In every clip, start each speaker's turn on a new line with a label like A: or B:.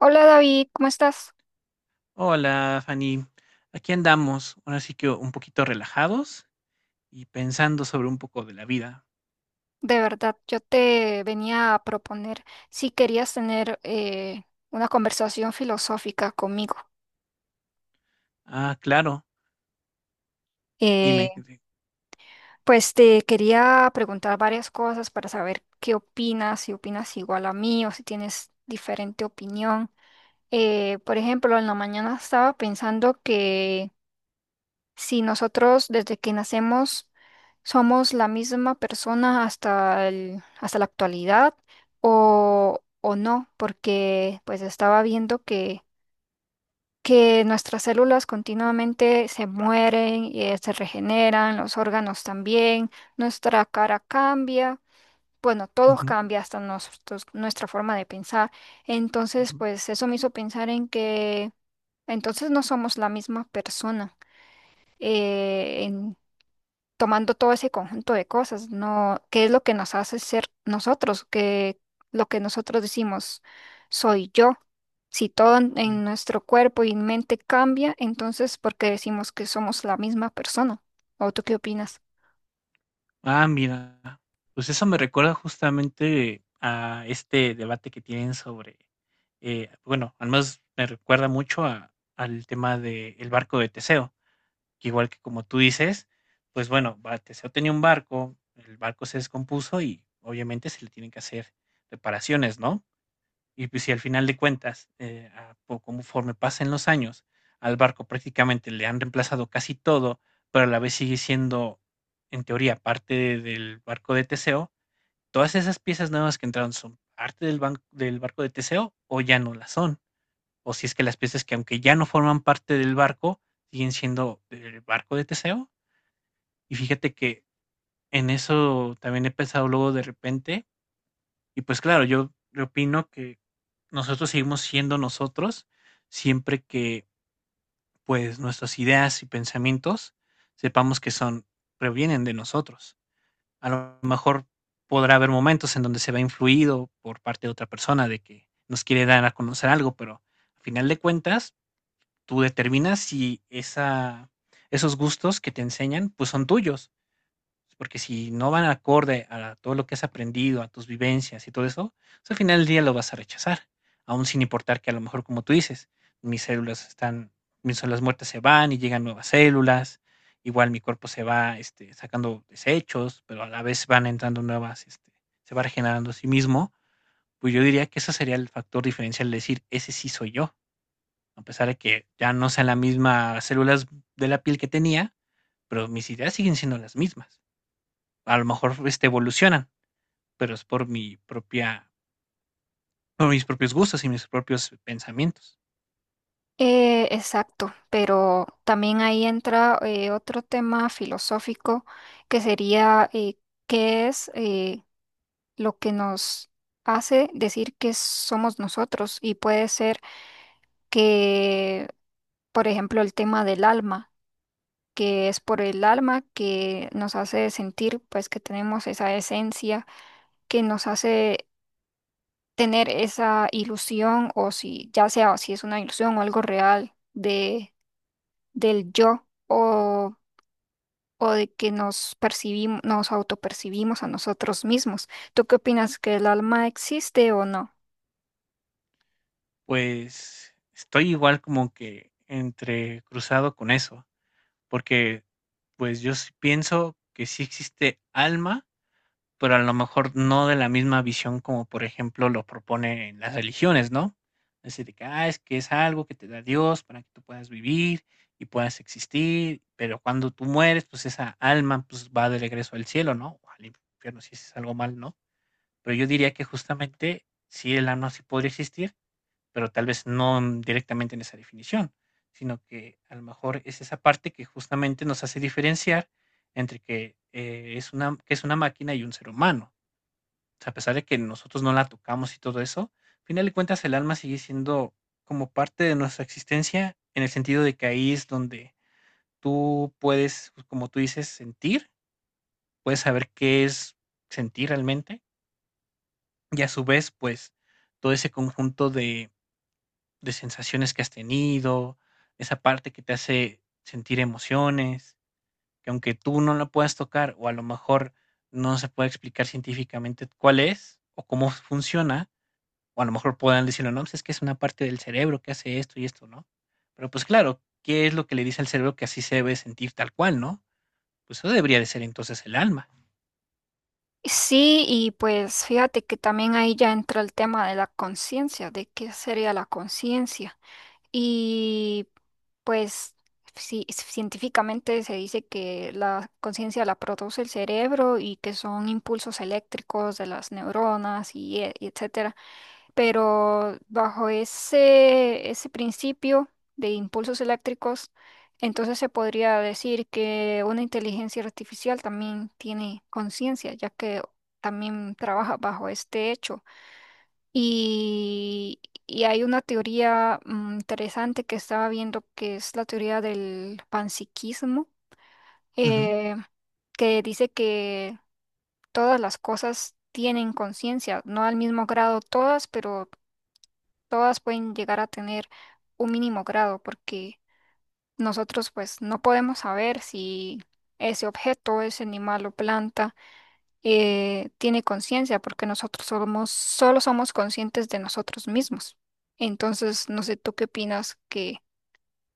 A: Hola David, ¿cómo estás?
B: Hola, Fanny. Aquí andamos, ahora sí que un poquito relajados y pensando sobre un poco de la vida.
A: De verdad, yo te venía a proponer si querías tener una conversación filosófica conmigo.
B: Ah, claro,
A: Eh,
B: dime.
A: pues te quería preguntar varias cosas para saber qué opinas, si opinas igual a mí o si tienes diferente opinión. Por ejemplo, en la mañana estaba pensando si nosotros desde que nacemos somos la misma persona hasta la actualidad o no, porque pues estaba viendo que nuestras células continuamente se mueren y se regeneran, los órganos también, nuestra cara cambia, bueno, todo
B: Ujú,
A: cambia hasta nosotros, nuestra forma de pensar. Entonces,
B: ujú,
A: pues eso me hizo pensar en que entonces no somos la misma persona tomando todo ese conjunto de cosas, ¿no? ¿Qué es lo que nos hace ser nosotros? ¿Qué lo que nosotros decimos soy yo? Si todo en
B: ujú.
A: nuestro cuerpo y mente cambia, entonces ¿por qué decimos que somos la misma persona? ¿O tú qué opinas?
B: Ah, mira, pues eso me recuerda justamente a este debate que tienen sobre, bueno, al menos me recuerda mucho al tema del barco de Teseo, que igual que como tú dices, pues bueno, va, Teseo tenía un barco, el barco se descompuso y obviamente se le tienen que hacer reparaciones, ¿no? Y pues si al final de cuentas, conforme pasen los años, al barco prácticamente le han reemplazado casi todo, pero a la vez sigue siendo, en teoría, parte del barco de Teseo, todas esas piezas nuevas que entraron son parte del barco de Teseo o ya no las son. O si es que las piezas que aunque ya no forman parte del barco, siguen siendo del barco de Teseo. Y fíjate que en eso también he pensado luego de repente y pues claro, yo opino que nosotros seguimos siendo nosotros siempre que pues nuestras ideas y pensamientos sepamos que son provienen de nosotros. A lo mejor podrá haber momentos en donde se ve influido por parte de otra persona de que nos quiere dar a conocer algo, pero al final de cuentas tú determinas si esa esos gustos que te enseñan pues son tuyos. Porque si no van acorde a todo lo que has aprendido, a tus vivencias y todo eso, pues al final del día lo vas a rechazar, aún sin importar que a lo mejor, como tú dices, mis células están, mis células muertas se van y llegan nuevas células, igual mi cuerpo se va sacando desechos, pero a la vez van entrando nuevas, se va regenerando a sí mismo, pues yo diría que ese sería el factor diferencial de decir, ese sí soy yo, a pesar de que ya no sean las mismas células de la piel que tenía, pero mis ideas siguen siendo las mismas a lo mejor evolucionan, pero es por mis propios gustos y mis propios pensamientos.
A: Exacto, pero también ahí entra otro tema filosófico que sería qué es lo que nos hace decir que somos nosotros, y puede ser que, por ejemplo, el tema del alma, que es por el alma que nos hace sentir pues que tenemos esa esencia, que nos hace tener esa ilusión, o si ya sea si es una ilusión o algo real de del yo o de que nos percibimos, nos autopercibimos a nosotros mismos. ¿Tú qué opinas, que el alma existe o no?
B: Pues estoy igual como que entre cruzado con eso, porque pues yo sí pienso que sí existe alma, pero a lo mejor no de la misma visión como, por ejemplo, lo proponen las religiones, ¿no? Así de que, ah, es que es algo que te da Dios para que tú puedas vivir y puedas existir, pero cuando tú mueres, pues esa alma pues va de regreso al cielo, ¿no? O al infierno, si es algo mal, ¿no? Pero yo diría que justamente sí, el alma sí podría existir, pero tal vez no directamente en esa definición, sino que a lo mejor es esa parte que justamente nos hace diferenciar entre que es una máquina y un ser humano. O sea, a pesar de que nosotros no la tocamos y todo eso, al final de cuentas el alma sigue siendo como parte de nuestra existencia, en el sentido de que ahí es donde tú puedes, pues, como tú dices, sentir, puedes saber qué es sentir realmente, y a su vez, pues, todo ese conjunto de sensaciones que has tenido, esa parte que te hace sentir emociones, que aunque tú no la puedas tocar o a lo mejor no se puede explicar científicamente cuál es o cómo funciona, o a lo mejor podrán decirlo, no, pues es que es una parte del cerebro que hace esto y esto, ¿no? Pero pues claro, ¿qué es lo que le dice al cerebro que así se debe sentir tal cual, no? Pues eso debería de ser entonces el alma.
A: Sí, y pues fíjate que también ahí ya entra el tema de la conciencia, de qué sería la conciencia. Y pues sí, científicamente se dice que la conciencia la produce el cerebro y que son impulsos eléctricos de las neuronas y etcétera. Pero bajo ese principio de impulsos eléctricos, entonces se podría decir que una inteligencia artificial también tiene conciencia, ya que también trabaja bajo este hecho. Y, y hay una teoría interesante que estaba viendo, que es la teoría del panpsiquismo,
B: Ujú.
A: eh, que dice que todas las cosas tienen conciencia, no al mismo grado todas, pero todas pueden llegar a tener un mínimo grado, porque nosotros pues no podemos saber si ese objeto es animal o planta, tiene conciencia, porque nosotros somos, solo somos conscientes de nosotros mismos. Entonces, no sé, ¿tú qué opinas? ¿Qué,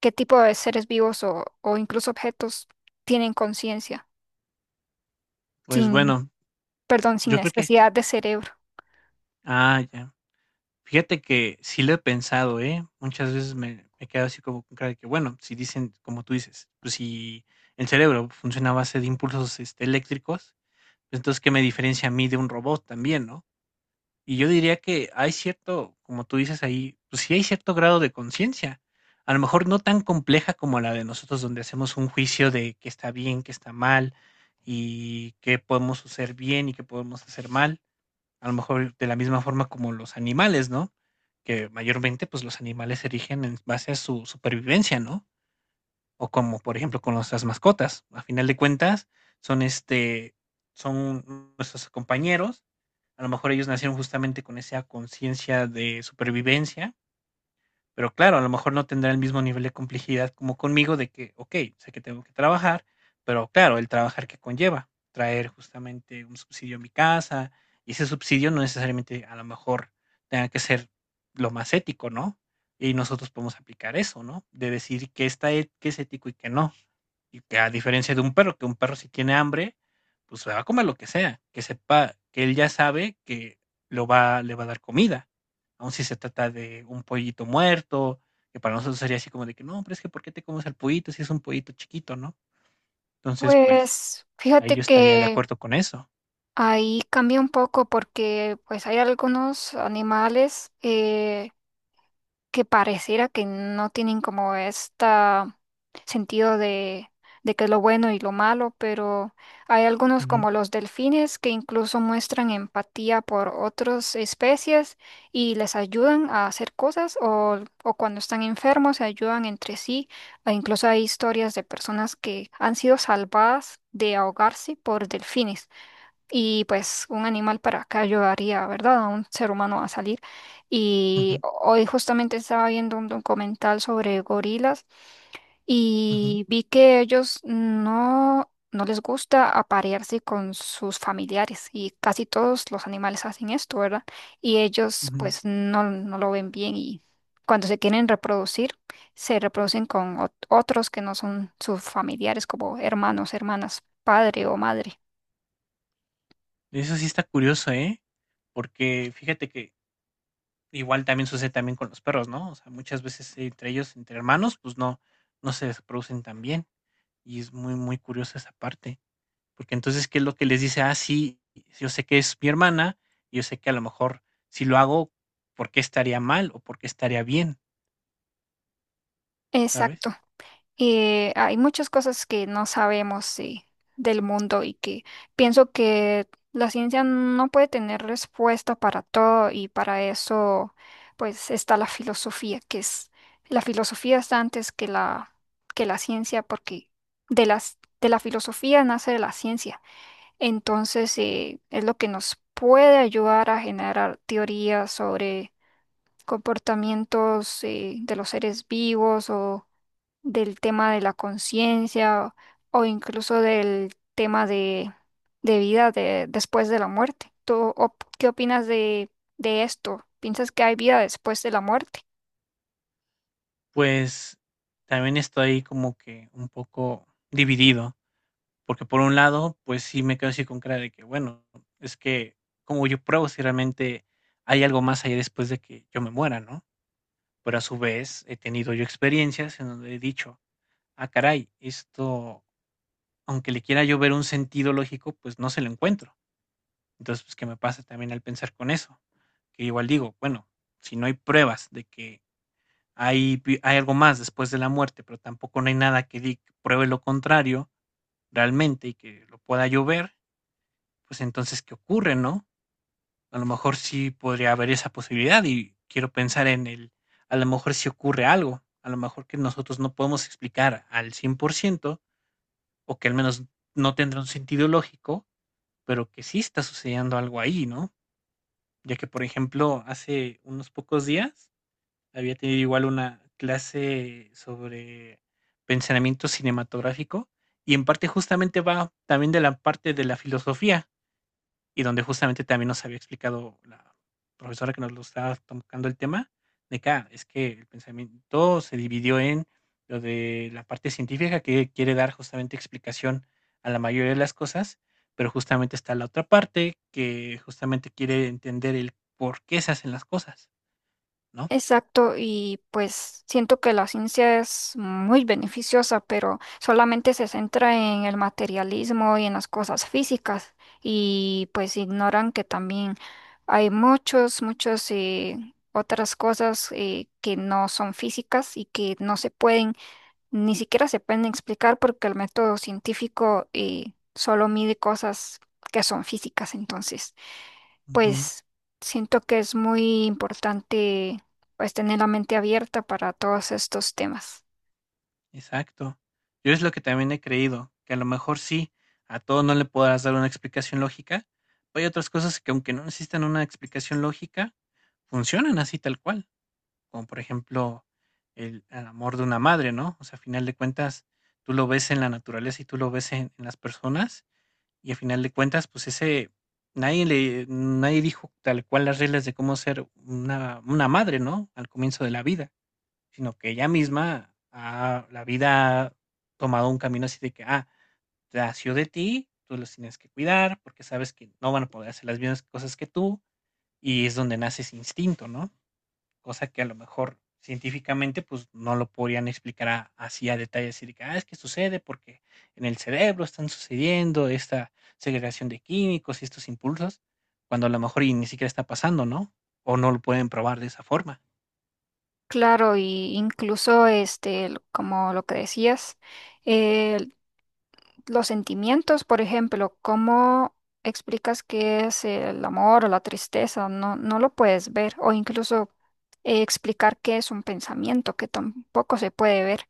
A: qué tipo de seres vivos o incluso objetos tienen conciencia,
B: Pues
A: sin,
B: bueno,
A: perdón, sin
B: yo creo que,
A: necesidad de cerebro?
B: ah, ya. Fíjate que sí lo he pensado, ¿eh? Muchas veces me he quedado así como con cara de que, bueno, si dicen, como tú dices, pues si el cerebro funciona a base de impulsos eléctricos, pues entonces, ¿qué me diferencia a mí de un robot también, no? Y yo diría que hay cierto, como tú dices ahí, pues sí hay cierto grado de conciencia. A lo mejor no tan compleja como la de nosotros, donde hacemos un juicio de qué está bien, qué está mal, y qué podemos hacer bien y qué podemos hacer mal. A lo mejor de la misma forma como los animales, ¿no? Que mayormente, pues los animales se erigen en base a su supervivencia, ¿no? O como, por ejemplo, con nuestras mascotas. A final de cuentas, son este, son nuestros compañeros, a lo mejor ellos nacieron justamente con esa conciencia de supervivencia, pero claro, a lo mejor no tendrá el mismo nivel de complejidad como conmigo de que, okey, sé que tengo que trabajar, pero claro, el trabajar que conlleva, traer justamente un subsidio a mi casa, y ese subsidio no necesariamente a lo mejor tenga que ser lo más ético, ¿no? Y nosotros podemos aplicar eso, ¿no? De decir qué está e qué es ético y qué no. Y que a diferencia de un perro, que un perro si tiene hambre, pues se va a comer lo que sea, que sepa, que él ya sabe que le va a dar comida. Aun si se trata de un pollito muerto, que para nosotros sería así como de que no, pero es que ¿por qué te comes al pollito si es un pollito chiquito, no? Entonces, pues
A: Pues
B: ahí
A: fíjate
B: yo estaría de
A: que
B: acuerdo con eso.
A: ahí cambia un poco, porque pues hay algunos animales, que pareciera que no tienen como este sentido de que es lo bueno y lo malo, pero hay algunos
B: Ujú,
A: como los delfines que incluso muestran empatía por otras especies y les ayudan a hacer cosas o cuando están enfermos se ayudan entre sí. E incluso hay historias de personas que han sido salvadas de ahogarse por delfines. Y pues un animal para acá ayudaría, ¿verdad? A un ser humano a salir. Y
B: ujú,
A: hoy justamente estaba viendo un documental sobre gorilas,
B: ujú,
A: y vi que ellos no, no les gusta aparearse con sus familiares, y casi todos los animales hacen esto, ¿verdad? Y ellos
B: ujú.
A: pues no, no lo ven bien, y cuando se quieren reproducir, se reproducen con otros que no son sus familiares, como hermanos, hermanas, padre o madre.
B: Eso sí está curioso, ¿eh? Porque fíjate que igual también sucede también con los perros, ¿no? O sea, muchas veces entre ellos, entre hermanos, pues no, no se producen tan bien. Y es muy, muy curiosa esa parte, porque entonces, ¿qué es lo que les dice? Ah, sí, yo sé que es mi hermana, y yo sé que a lo mejor si lo hago, ¿por qué estaría mal o por qué estaría bien? ¿Sabes?
A: Exacto. Y hay muchas cosas que no sabemos, del mundo, y que pienso que la ciencia no puede tener respuesta para todo, y para eso pues está la filosofía, que es la filosofía está antes que la ciencia, porque de las de la filosofía nace la ciencia. Entonces, es lo que nos puede ayudar a generar teorías sobre comportamientos de los seres vivos, o del tema de la conciencia, o incluso del tema de vida de, después de la muerte. Qué opinas de esto? ¿Piensas que hay vida después de la muerte?
B: Pues también estoy como que un poco dividido, porque por un lado, pues sí me quedo así con cara de que, bueno, es que como yo pruebo si realmente hay algo más allá después de que yo me muera, ¿no? Pero a su vez he tenido yo experiencias en donde he dicho, ah, caray, esto aunque le quiera yo ver un sentido lógico, pues no se lo encuentro. Entonces, pues, ¿qué me pasa también al pensar con eso? Que igual digo, bueno, si no hay pruebas de que hay algo más después de la muerte, pero tampoco no hay nada que pruebe lo contrario realmente y que lo pueda yo ver, pues entonces, ¿qué ocurre, no? A lo mejor sí podría haber esa posibilidad y quiero pensar a lo mejor sí ocurre algo, a lo mejor que nosotros no podemos explicar al 100% o que al menos no tendrá un sentido lógico. Pero que sí está sucediendo algo ahí, ¿no? Ya que, por ejemplo, hace unos pocos días había tenido igual una clase sobre pensamiento cinematográfico y en parte justamente va también de la parte de la filosofía y donde justamente también nos había explicado la profesora que nos lo estaba tocando el tema, de que ah, es que el pensamiento se dividió en lo de la parte científica que quiere dar justamente explicación a la mayoría de las cosas, pero justamente está la otra parte que justamente quiere entender el por qué se hacen las cosas, ¿no?
A: Exacto, y pues siento que la ciencia es muy beneficiosa, pero solamente se centra en el materialismo y en las cosas físicas, y pues ignoran que también hay muchos, muchos, otras cosas, que no son físicas y que no se pueden, ni siquiera se pueden explicar porque el método científico, solo mide cosas que son físicas, entonces
B: Ujú.
A: pues siento que es muy importante pues tener la mente abierta para todos estos temas.
B: Exacto. Yo es lo que también he creído, que a lo mejor sí, a todo no le podrás dar una explicación lógica, pero hay otras cosas que aunque no necesitan una explicación lógica, funcionan así tal cual, como por ejemplo el amor de una madre, ¿no? O sea, a final de cuentas, tú lo ves en la naturaleza y tú lo ves en las personas y a final de cuentas, pues ese, nadie le, nadie dijo tal cual las reglas de cómo ser una madre, ¿no? Al comienzo de la vida, sino que ella misma ha la vida ha tomado un camino así de que, ah, nació de ti, tú los tienes que cuidar porque sabes que no van a poder hacer las mismas cosas que tú, y es donde nace ese instinto, ¿no? Cosa que a lo mejor científicamente pues no lo podrían explicar así a detalle, así de que, ah, es que sucede porque en el cerebro están sucediendo esta segregación de químicos y estos impulsos, cuando a lo mejor y ni siquiera está pasando, ¿no? O no lo pueden probar de esa forma.
A: Claro, y incluso este, como lo que decías, eh, los sentimientos, por ejemplo, ¿cómo explicas qué es el amor o la tristeza? No, no lo puedes ver, o incluso explicar qué es un pensamiento, que tampoco se puede ver.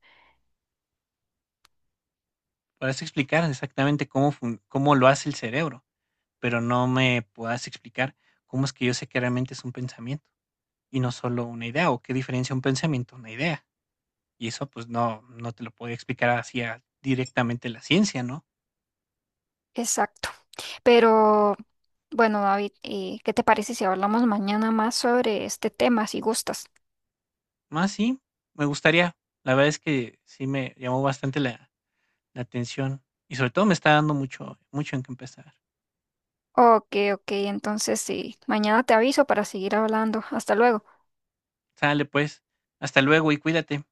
B: Podrás explicar exactamente cómo lo hace el cerebro, pero no me puedas explicar cómo es que yo sé que realmente es un pensamiento y no solo una idea o qué diferencia un pensamiento a una idea. Y eso pues no, no te lo puede explicar así directamente la ciencia, ¿no?
A: Exacto. Pero bueno, David, ¿qué te parece si hablamos mañana más sobre este tema, si gustas?
B: Más sí, me gustaría. La verdad es que sí me llamó bastante la atención y sobre todo me está dando mucho, mucho en qué empezar.
A: Ok, ok, entonces sí, mañana te aviso para seguir hablando. Hasta luego.
B: Sale pues, hasta luego y cuídate.